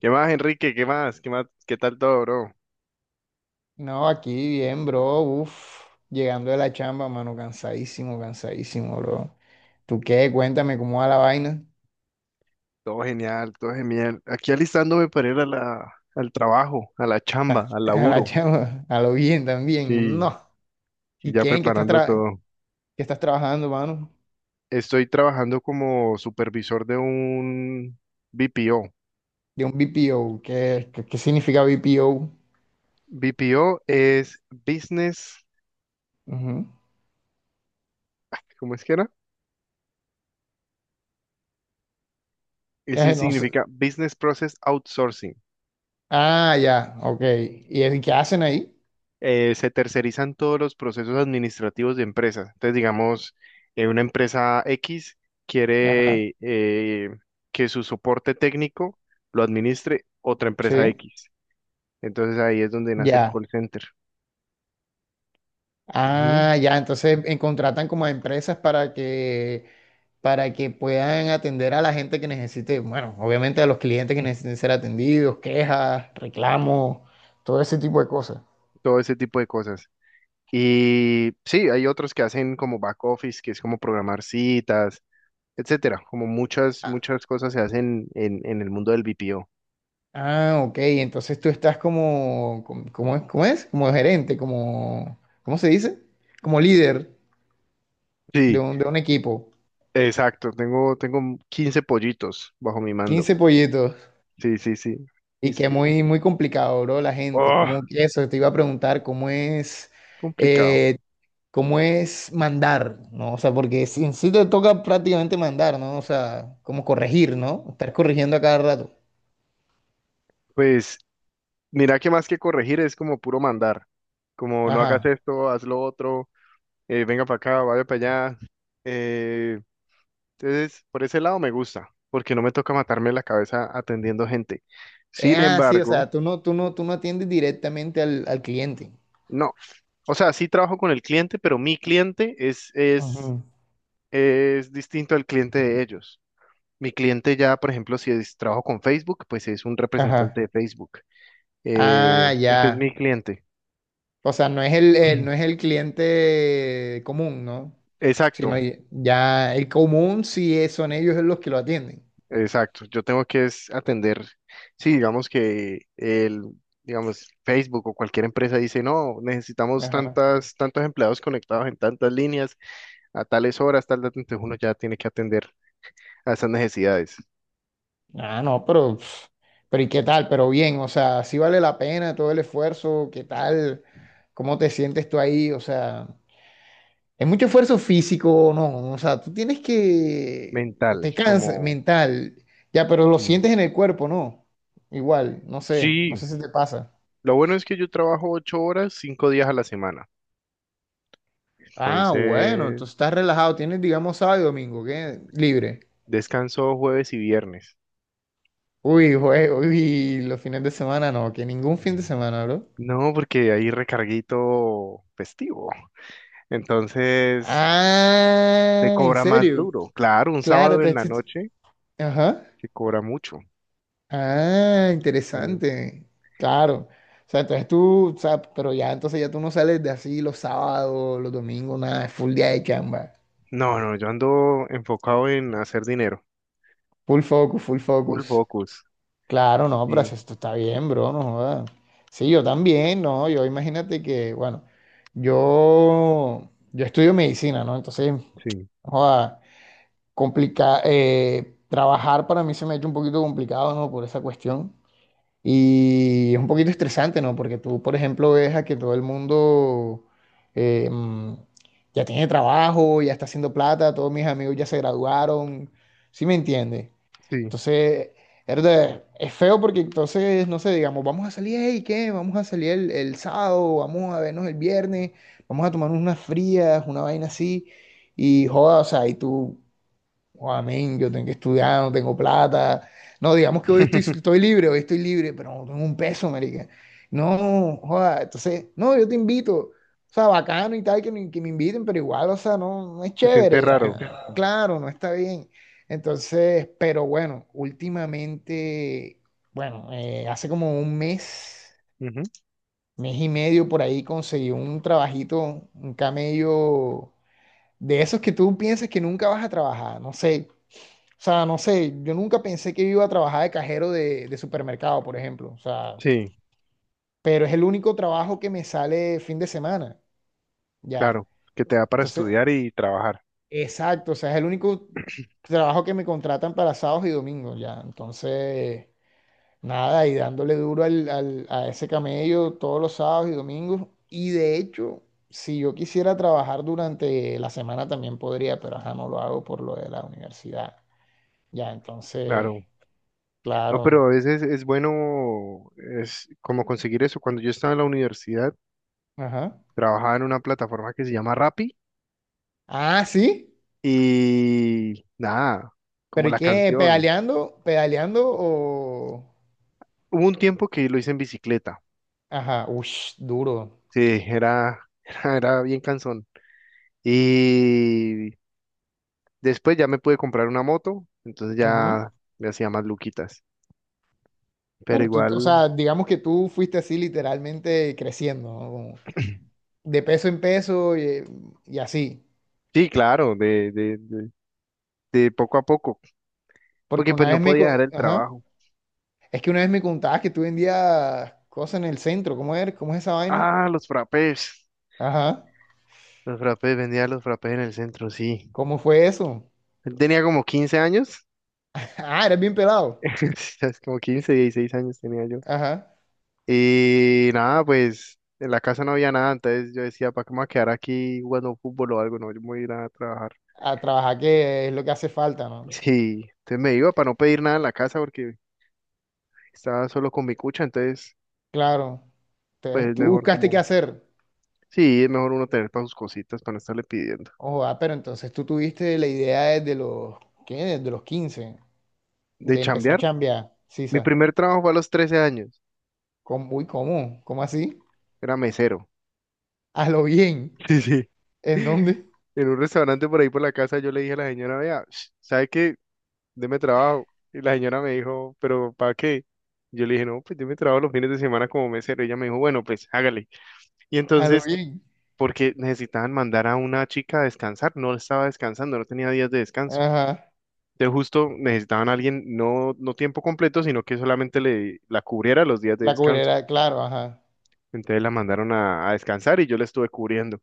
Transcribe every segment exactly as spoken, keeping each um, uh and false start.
¿Qué más, Enrique? ¿Qué más? ¿Qué más? ¿Qué tal todo, bro? No, aquí bien, bro. Uf, llegando de la chamba, mano, cansadísimo, cansadísimo, bro. ¿Tú qué? Cuéntame cómo va la vaina. Todo genial, todo genial. Aquí alistándome para ir a la, al trabajo, a la Ta- chamba, al A la laburo. chamba, a lo bien también. Sí, No. y ¿Y ya qué? ¿En qué estás, preparando tra- todo. qué estás trabajando, mano? Estoy trabajando como supervisor de un B P O. De un B P O. ¿Qué, qué, qué significa B P O? B P O es Business, Ujú. ¿cómo es que era? Eso Eh, no sé. significa Business Process Outsourcing. Ah, ya, ok. ¿Y es- qué hacen ahí? eh, se tercerizan todos los procesos administrativos de empresas. Entonces, digamos, eh, una empresa X Ajá, quiere eh, que su soporte técnico lo administre otra empresa sí, X. Entonces ahí es donde nace el ya. call center. Ujú. Ah, ya, entonces en- contratan como a empresas para que para que puedan atender a la gente que necesite, bueno, obviamente a los clientes que necesiten ser atendidos, quejas, reclamos, todo ese tipo de cosas. Todo ese tipo de cosas. Y sí, hay otros que hacen como back office, que es como programar citas, etcétera. Como muchas, Ah, muchas cosas se hacen en, en el mundo del B P O. ah, ok, entonces tú estás como, como- ¿cómo es? ¿Cómo es? Como gerente, como, ¿cómo se dice? Como líder de Sí, un, de un equipo. exacto. Tengo, tengo quince pollitos bajo mi mando. Quince pollitos. Sí, sí, sí. Y Y s- que es muy, muy complicado, bro, la gente. oh, Como eso, te iba a preguntar, ¿cómo es? complicado. eh, Cómo es mandar, ¿no? O sea, porque si- en sí te toca prácticamente mandar, ¿no? O sea, como corregir, ¿no? Estar corrigiendo a cada rato. Pues mira que más que corregir es como puro mandar. Como no hagas Ajá. esto, haz lo otro, eh, venga para acá, vaya para allá. Eh, entonces, por ese lado me gusta, porque no me toca matarme la cabeza atendiendo gente. Eh, Sin Ah, sí, o embargo, sea, tú no, tú no, tú no atiendes directamente al, al cliente. no. O sea, sí trabajo con el cliente, pero mi cliente es, es, Ujú. es distinto al cliente de ellos. Mi cliente ya, por ejemplo, si es, trabajo con Facebook, pues es un representante Ajá. de Facebook. Ah, Eh, ese es ya. mi cliente. O sea, no es el, el- no es el cliente común, ¿no? Exacto, Sino ya ya el común sí es- son ellos los que lo atienden. exacto. Yo tengo que es atender. Sí, digamos que el, digamos, Facebook o cualquier empresa dice, no, necesitamos tantas, tantos empleados conectados en tantas líneas, a tales horas, tal, tal", entonces uno ya tiene que atender a esas necesidades Ah, no, pero, pf, pero ¿y qué tal? Pero bien, o sea, sí vale la pena todo el esfuerzo, ¿qué tal? ¿Cómo te sientes tú ahí? O sea, es mucho esfuerzo físico, o no, o sea, tú tienes que, o mental, te cansas como mental, ya, pero lo sí. sientes en el cuerpo, ¿no? Igual, no sé, no Sí, sé si te pasa. lo bueno es que yo trabajo ocho horas, cinco días a la semana. Ah, bueno, Entonces, entonces estás relajado, tienes, digamos, sábado y domingo, ¿qué? Libre. descanso jueves y viernes. Uy, güey, uy, los fines de semana no, que ningún fin de semana, bro. No, porque hay recarguito festivo. Entonces se Ah, ¿en cobra más serio? duro. Claro, un Claro, sábado en te- la te- noche ajá. se cobra mucho. Ah, Eh, interesante. Claro. O sea, entonces tú, o sea, pero ya entonces ya tú no sales de así los sábados, los domingos, nada, es full día de chamba. no, no, yo ando enfocado en hacer dinero. Full focus, full Full focus. focus. Claro, no, pero Sí, si esto está bien, bro, no jodas. Sí, yo también, no, yo imagínate que, bueno, yo, yo estudio medicina, ¿no? Entonces, sí, joda, complica, eh, trabajar para mí se me ha hecho un poquito complicado, ¿no? Por esa cuestión. Y es un poquito estresante, ¿no? Porque tú, por ejemplo, ves a que todo el mundo eh, mm, ya tiene trabajo, ya está haciendo plata, todos mis amigos ya se graduaron, ¿sí me entiendes? sí. Entonces, es de- es feo porque entonces, no sé, digamos, vamos a salir, ¿y qué? Vamos a salir el, el sábado, vamos a vernos el viernes, vamos a tomarnos unas frías, una vaina así, y joda, o sea, y tú. Oh, amén, yo tengo que estudiar, no tengo plata. No, digamos que hoy estoy, estoy libre, hoy estoy libre, pero no tengo un peso, marica. No, joda, entonces, no, yo te invito. O sea, bacano y tal, que me, que me inviten, pero igual, o sea, no, no es Se siente chévere. Sí, te raro. te- ya. Claro, no está bien. Entonces, pero bueno, últimamente, bueno, eh, hace como un mes, Ujú. mes y medio por ahí conseguí un trabajito, un camello de esos que tú piensas que nunca vas a trabajar, no sé. O sea, no sé, yo nunca pensé que iba a trabajar de cajero de, de supermercado, por ejemplo. O sea, Sí, pero es el único trabajo que me sale fin de semana, ya. claro, que te da para Entonces, estudiar y trabajar. exacto, o sea, es el único trabajo que me contratan para sábados y domingos, ya. Entonces, nada, y dándole duro al, al- a ese camello todos los sábados y domingos. Y de hecho, si yo quisiera trabajar durante la semana también podría, pero ajá, no lo hago por lo de la universidad. Ya, entonces, Claro. No, pero claro. a veces es bueno, es como conseguir eso. Cuando yo estaba en la universidad, Ajá. trabajaba en una plataforma que se llama Rappi. Ah, sí. Y nada, como ¿Pero y la qué? canción. ¿Pedaleando? ¿Pedaleando o? Hubo un tiempo que lo hice en bicicleta. Ajá, ush, duro. Sí, era, era, era bien cansón. Y después ya me pude comprar una moto, entonces Ujú. ya me hacía más luquitas. Pero Pero tú, o igual, sea, digamos que tú fuiste así literalmente creciendo, ¿no? Como de peso en peso y, y así. sí, claro, de, de, de, de poco a poco, Porque porque pues una no vez me... podía co- dejar el Ajá. trabajo. Es que una vez me contabas que tú vendías cosas en el centro. ¿Cómo eres? ¿Cómo es esa vaina? Ah, los frappés. Ajá. Los frappés, vendía los frappés en el centro, sí. ¿Cómo fue eso? Tenía como quince años. Ah, eres bien pelado. Sí, como quince dieciséis años tenía. Ajá. Y nada, pues en la casa no había nada, entonces yo decía, ¿para qué me voy a quedar aquí jugando fútbol o algo? No, yo me voy a ir a trabajar. A trabajar que es lo que hace falta, ¿no? Sí, entonces me iba para no pedir nada en la casa porque estaba solo con mi cucha, entonces Claro. pues Entonces, es tú mejor buscaste qué como, hacer. sí, es mejor uno tener para sus cositas, para no estarle pidiendo. Ojo, ah, pero entonces tú tuviste la idea desde los, ¿qué? Desde los quince De de empezar a chambear, chambear, mi Sisa. primer trabajo fue a los trece años, ¿Cómo? Uy, ¿cómo? ¿Cómo así? era mesero. A lo bien. Sí, sí. ¿En dónde? En un restaurante por ahí por la casa yo le dije a la señora, vea, ¿sabe qué? Deme trabajo. Y la señora me dijo, ¿pero para qué? Yo le dije, no, pues deme trabajo los fines de semana como mesero. Y ella me dijo, bueno, pues hágale. Y A lo entonces, bien. porque necesitaban mandar a una chica a descansar, no estaba descansando, no tenía días de descanso. Ajá. Entonces justo necesitaban a alguien, no, no tiempo completo, sino que solamente le, la cubriera los días de La descanso. cubrera, claro, ajá. Entonces la mandaron a, a descansar y yo la estuve cubriendo.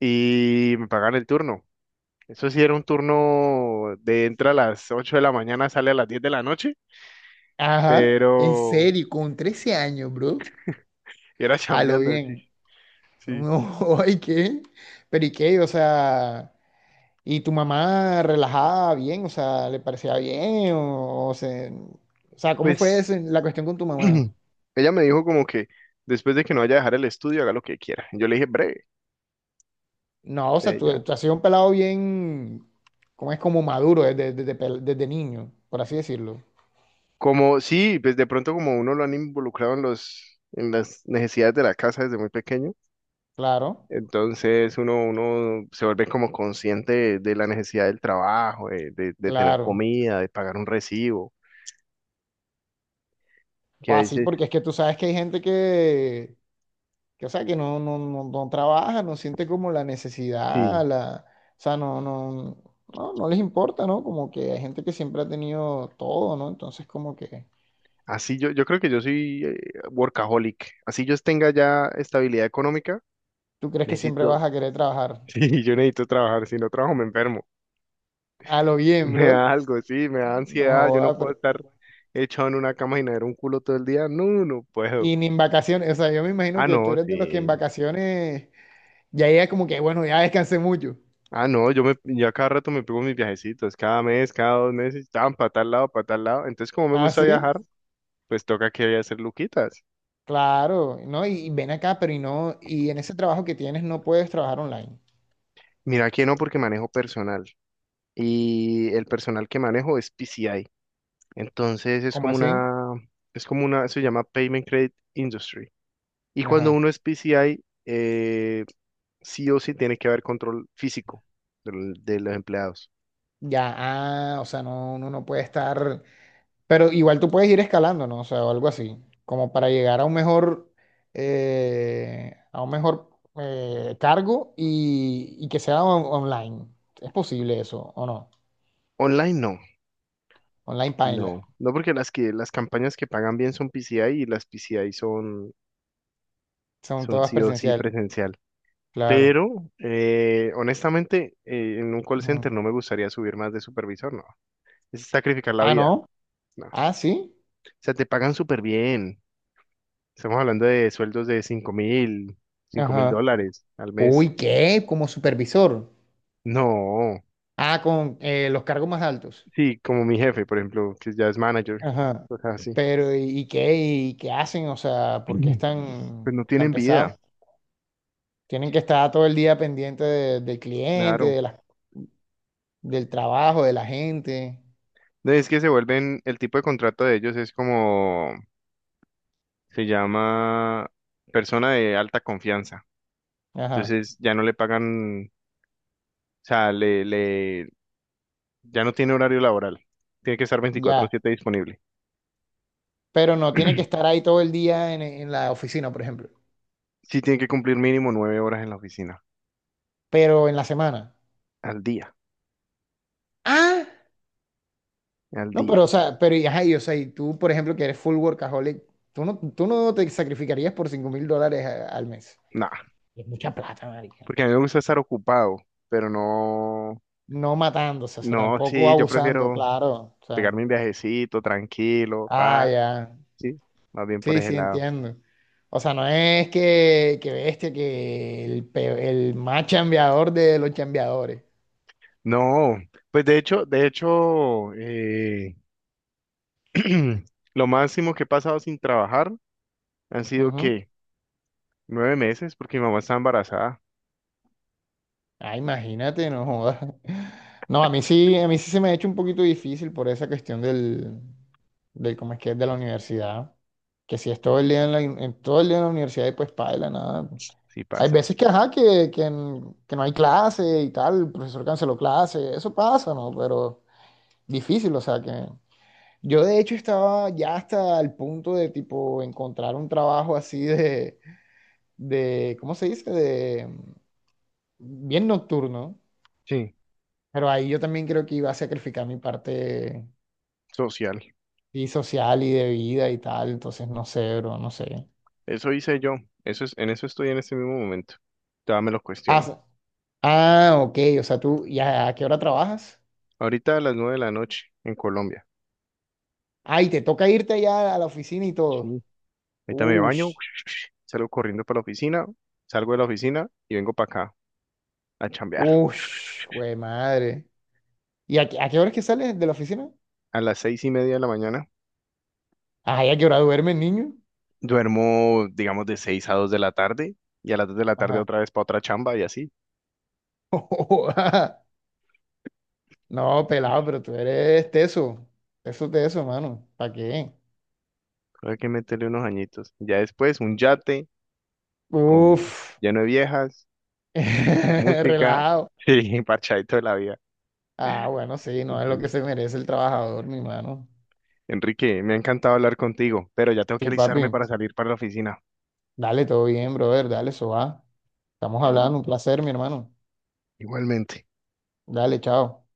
Y me pagaban el turno. Eso sí era un turno de entra a las ocho de la mañana, sale a las diez de la noche, Ajá. En pero serio, con trece años, bro. Y era A lo chambeando, sí, bien. sí. No, ay, ¿qué? Pero ¿y qué? O sea, ¿y tu mamá relajaba bien? O sea, ¿le parecía bien? O, o se- o sea, ¿cómo fue Pues ese- la cuestión con tu mamá? ella me dijo como que después de que no vaya a dejar el estudio, haga lo que quiera. Yo le dije, breve, No, o de sea, tú, ella. tú has sido un pelado bien, como es como maduro desde, desde, pel- desde niño, por así decirlo. Como, sí, pues de pronto como uno lo han involucrado en los, en las necesidades de la casa desde muy pequeño, Claro, entonces uno, uno se vuelve como consciente de, de la necesidad del trabajo, de, de, de tener claro. comida, de pagar un recibo, que a O así, veces, porque es que tú sabes que hay gente que, que o sea, que no, no, no, no trabaja, no siente como la sí. necesidad, la, o sea, no, no, no, no les importa, ¿no? Como que hay gente que siempre ha tenido todo, ¿no? Entonces, como que Así yo, yo creo que yo soy eh, workaholic. Así yo tenga ya estabilidad económica. tú crees que siempre vas Necesito a querer trabajar. Sí, yo necesito trabajar. Si no trabajo, me enfermo. A lo bien, Me bro. da algo, sí, me da No ansiedad. Yo no joda, puedo pero. estar echado en una cama y nadar un culo todo el día. No, no puedo. Y ni en vacaciones, o sea, yo me imagino Ah, que tú no, eres de los que en sí. vacaciones. Ya ella como que, bueno, ya descansé mucho. Ah, no, yo me, yo a cada rato me pego mis viajecitos, cada mes, cada dos meses, tan para tal lado, para tal lado. Entonces, como me Ah, gusta sí, viajar, pues toca que voy a hacer luquitas. claro, ¿no? Y, y ven acá, pero y no, y en ese trabajo que tienes no puedes trabajar online. Mira que no, porque manejo personal. Y el personal que manejo es P C I. Entonces es ¿Cómo como así? una, es como una, se llama Payment Credit Industry. Y cuando Ajá. uno es P C I, eh, sí o sí tiene que haber control físico del- de, los empleados. Ya, ah, o sea, no, uno no puede estar, pero igual tú puedes ir escalando, ¿no? O sea, o algo así, como para llegar a un mejor, eh, a un mejor eh, cargo y, y que sea on- online. ¿Es posible eso o no? Online no, Online paila. no, no porque las que las campañas que pagan bien son P C I y las P C I son, Son son todas sí o sí presenciales, presencial. claro. Pero eh, honestamente, eh, en un call Ujú. center no me gustaría subir más de supervisor, no. Es sacrificar la Ah, vida, no. no. O Ah, sí. sea, te pagan súper bien. Estamos hablando de sueldos de cinco mil, cinco mil Ajá. Como- dólares al mes. Uy, ¿qué? Como supervisor. No. Ah, con eh, los cargos más altos. Sí, como mi jefe, por ejemplo, que ya es manager, Ajá. cosas así. Pero, ¿y, y qué? ¿Y qué hacen? O sea, ¿por qué es Ujú. Pues tan, no tan tienen pesado? vida, Tienen que estar todo el día pendiente de- del cliente, claro. de la- del trabajo, de la gente. No, Es que se vuelven, el tipo de contrato de ellos es como, se llama persona de alta confianza. Ajá. Entonces ya no le pagan, o sea, le, le, ya no tiene horario laboral. Tiene que estar veinticuatro Ya. siete disponible. Pero no tienen que estar ahí todo el día en, en la oficina, por ejemplo. Sí tiene que cumplir mínimo nueve horas en la oficina, Pero en la semana. al día, Ah, al no, día. pero, o sea, pero, y, ajá, y, o sea, y tú, por ejemplo, que eres full workaholic. ¿Tú no, tú no te sacrificarías por cinco mil dólares a- al mes? Nah, Y es mucha plata, marica. porque a mí me gusta estar ocupado, pero no, No matándose, o sea, no, tampoco sí, yo abusando, prefiero, claro. O sea, pegarme un viajecito tranquilo, ah, pa, ya. sí, más bien por Sí, ese sí, lado. entiendo. O sea, no es que, que bestia, que el, pe- el más chambeador de los chambeadores. No, pues de hecho, de hecho, eh, lo máximo que he pasado sin trabajar han sido Ujú. que nueve meses, porque mi mamá está embarazada, Ah, imagínate, no jodas. No, a mí sí, a mí sí se me ha hecho un poquito difícil por esa cuestión del, del cómo es que es de la universidad. Que si es todo el día en la, en todo el día en la universidad y pues paila, nada. sí Hay pasa. veces que, ajá, que, que, n- que no hay clase y tal, el profesor canceló clase, eso pasa, ¿no? Pero difícil, o sea que yo de hecho estaba ya hasta el punto de tipo encontrar un trabajo así de, de, ¿cómo se dice? De bien nocturno. Sí, Pero ahí yo también creo que iba a sacrificar mi parte social. y social y de vida y tal, entonces no sé, bro, no sé. Eso hice yo. Eso es, en eso estoy en este mismo momento. Todavía me lo Ah, cuestiono. s- ah, ok, o sea, tú, ya, ¿a qué hora trabajas? Ahorita a las nueve de la noche en Colombia. Ah, y te toca irte ya a la oficina y todo. Sí. Ahorita me baño, Ush, salgo corriendo para la oficina, salgo de la oficina y vengo para acá a chambear. ush, güey, madre. ¿Y a, qué a qué hora es que sales de la oficina? A las seis y media de la mañana. Ah, ¿y a qué hora duerme el niño? Duermo, digamos, de seis a dos de la tarde y a las dos de la tarde Ajá. otra vez para otra chamba y así. No, pelado, pero tú eres teso, teso, teso, mano, ¿para qué? Creo que hay que meterle unos añitos. Ya después, un yate con Uf, lleno de viejas, música, relajado. sí, parchadito de la vida. Ah, bueno, sí, no es lo que Sí. se merece el trabajador, mi hermano. Enrique, me ha encantado hablar contigo, pero ya tengo que Sí, papi, alistarme para salir para la oficina. dale, todo bien, brother, dale, eso va. Estamos hablando, un placer, mi hermano. Igualmente. Dale, chao.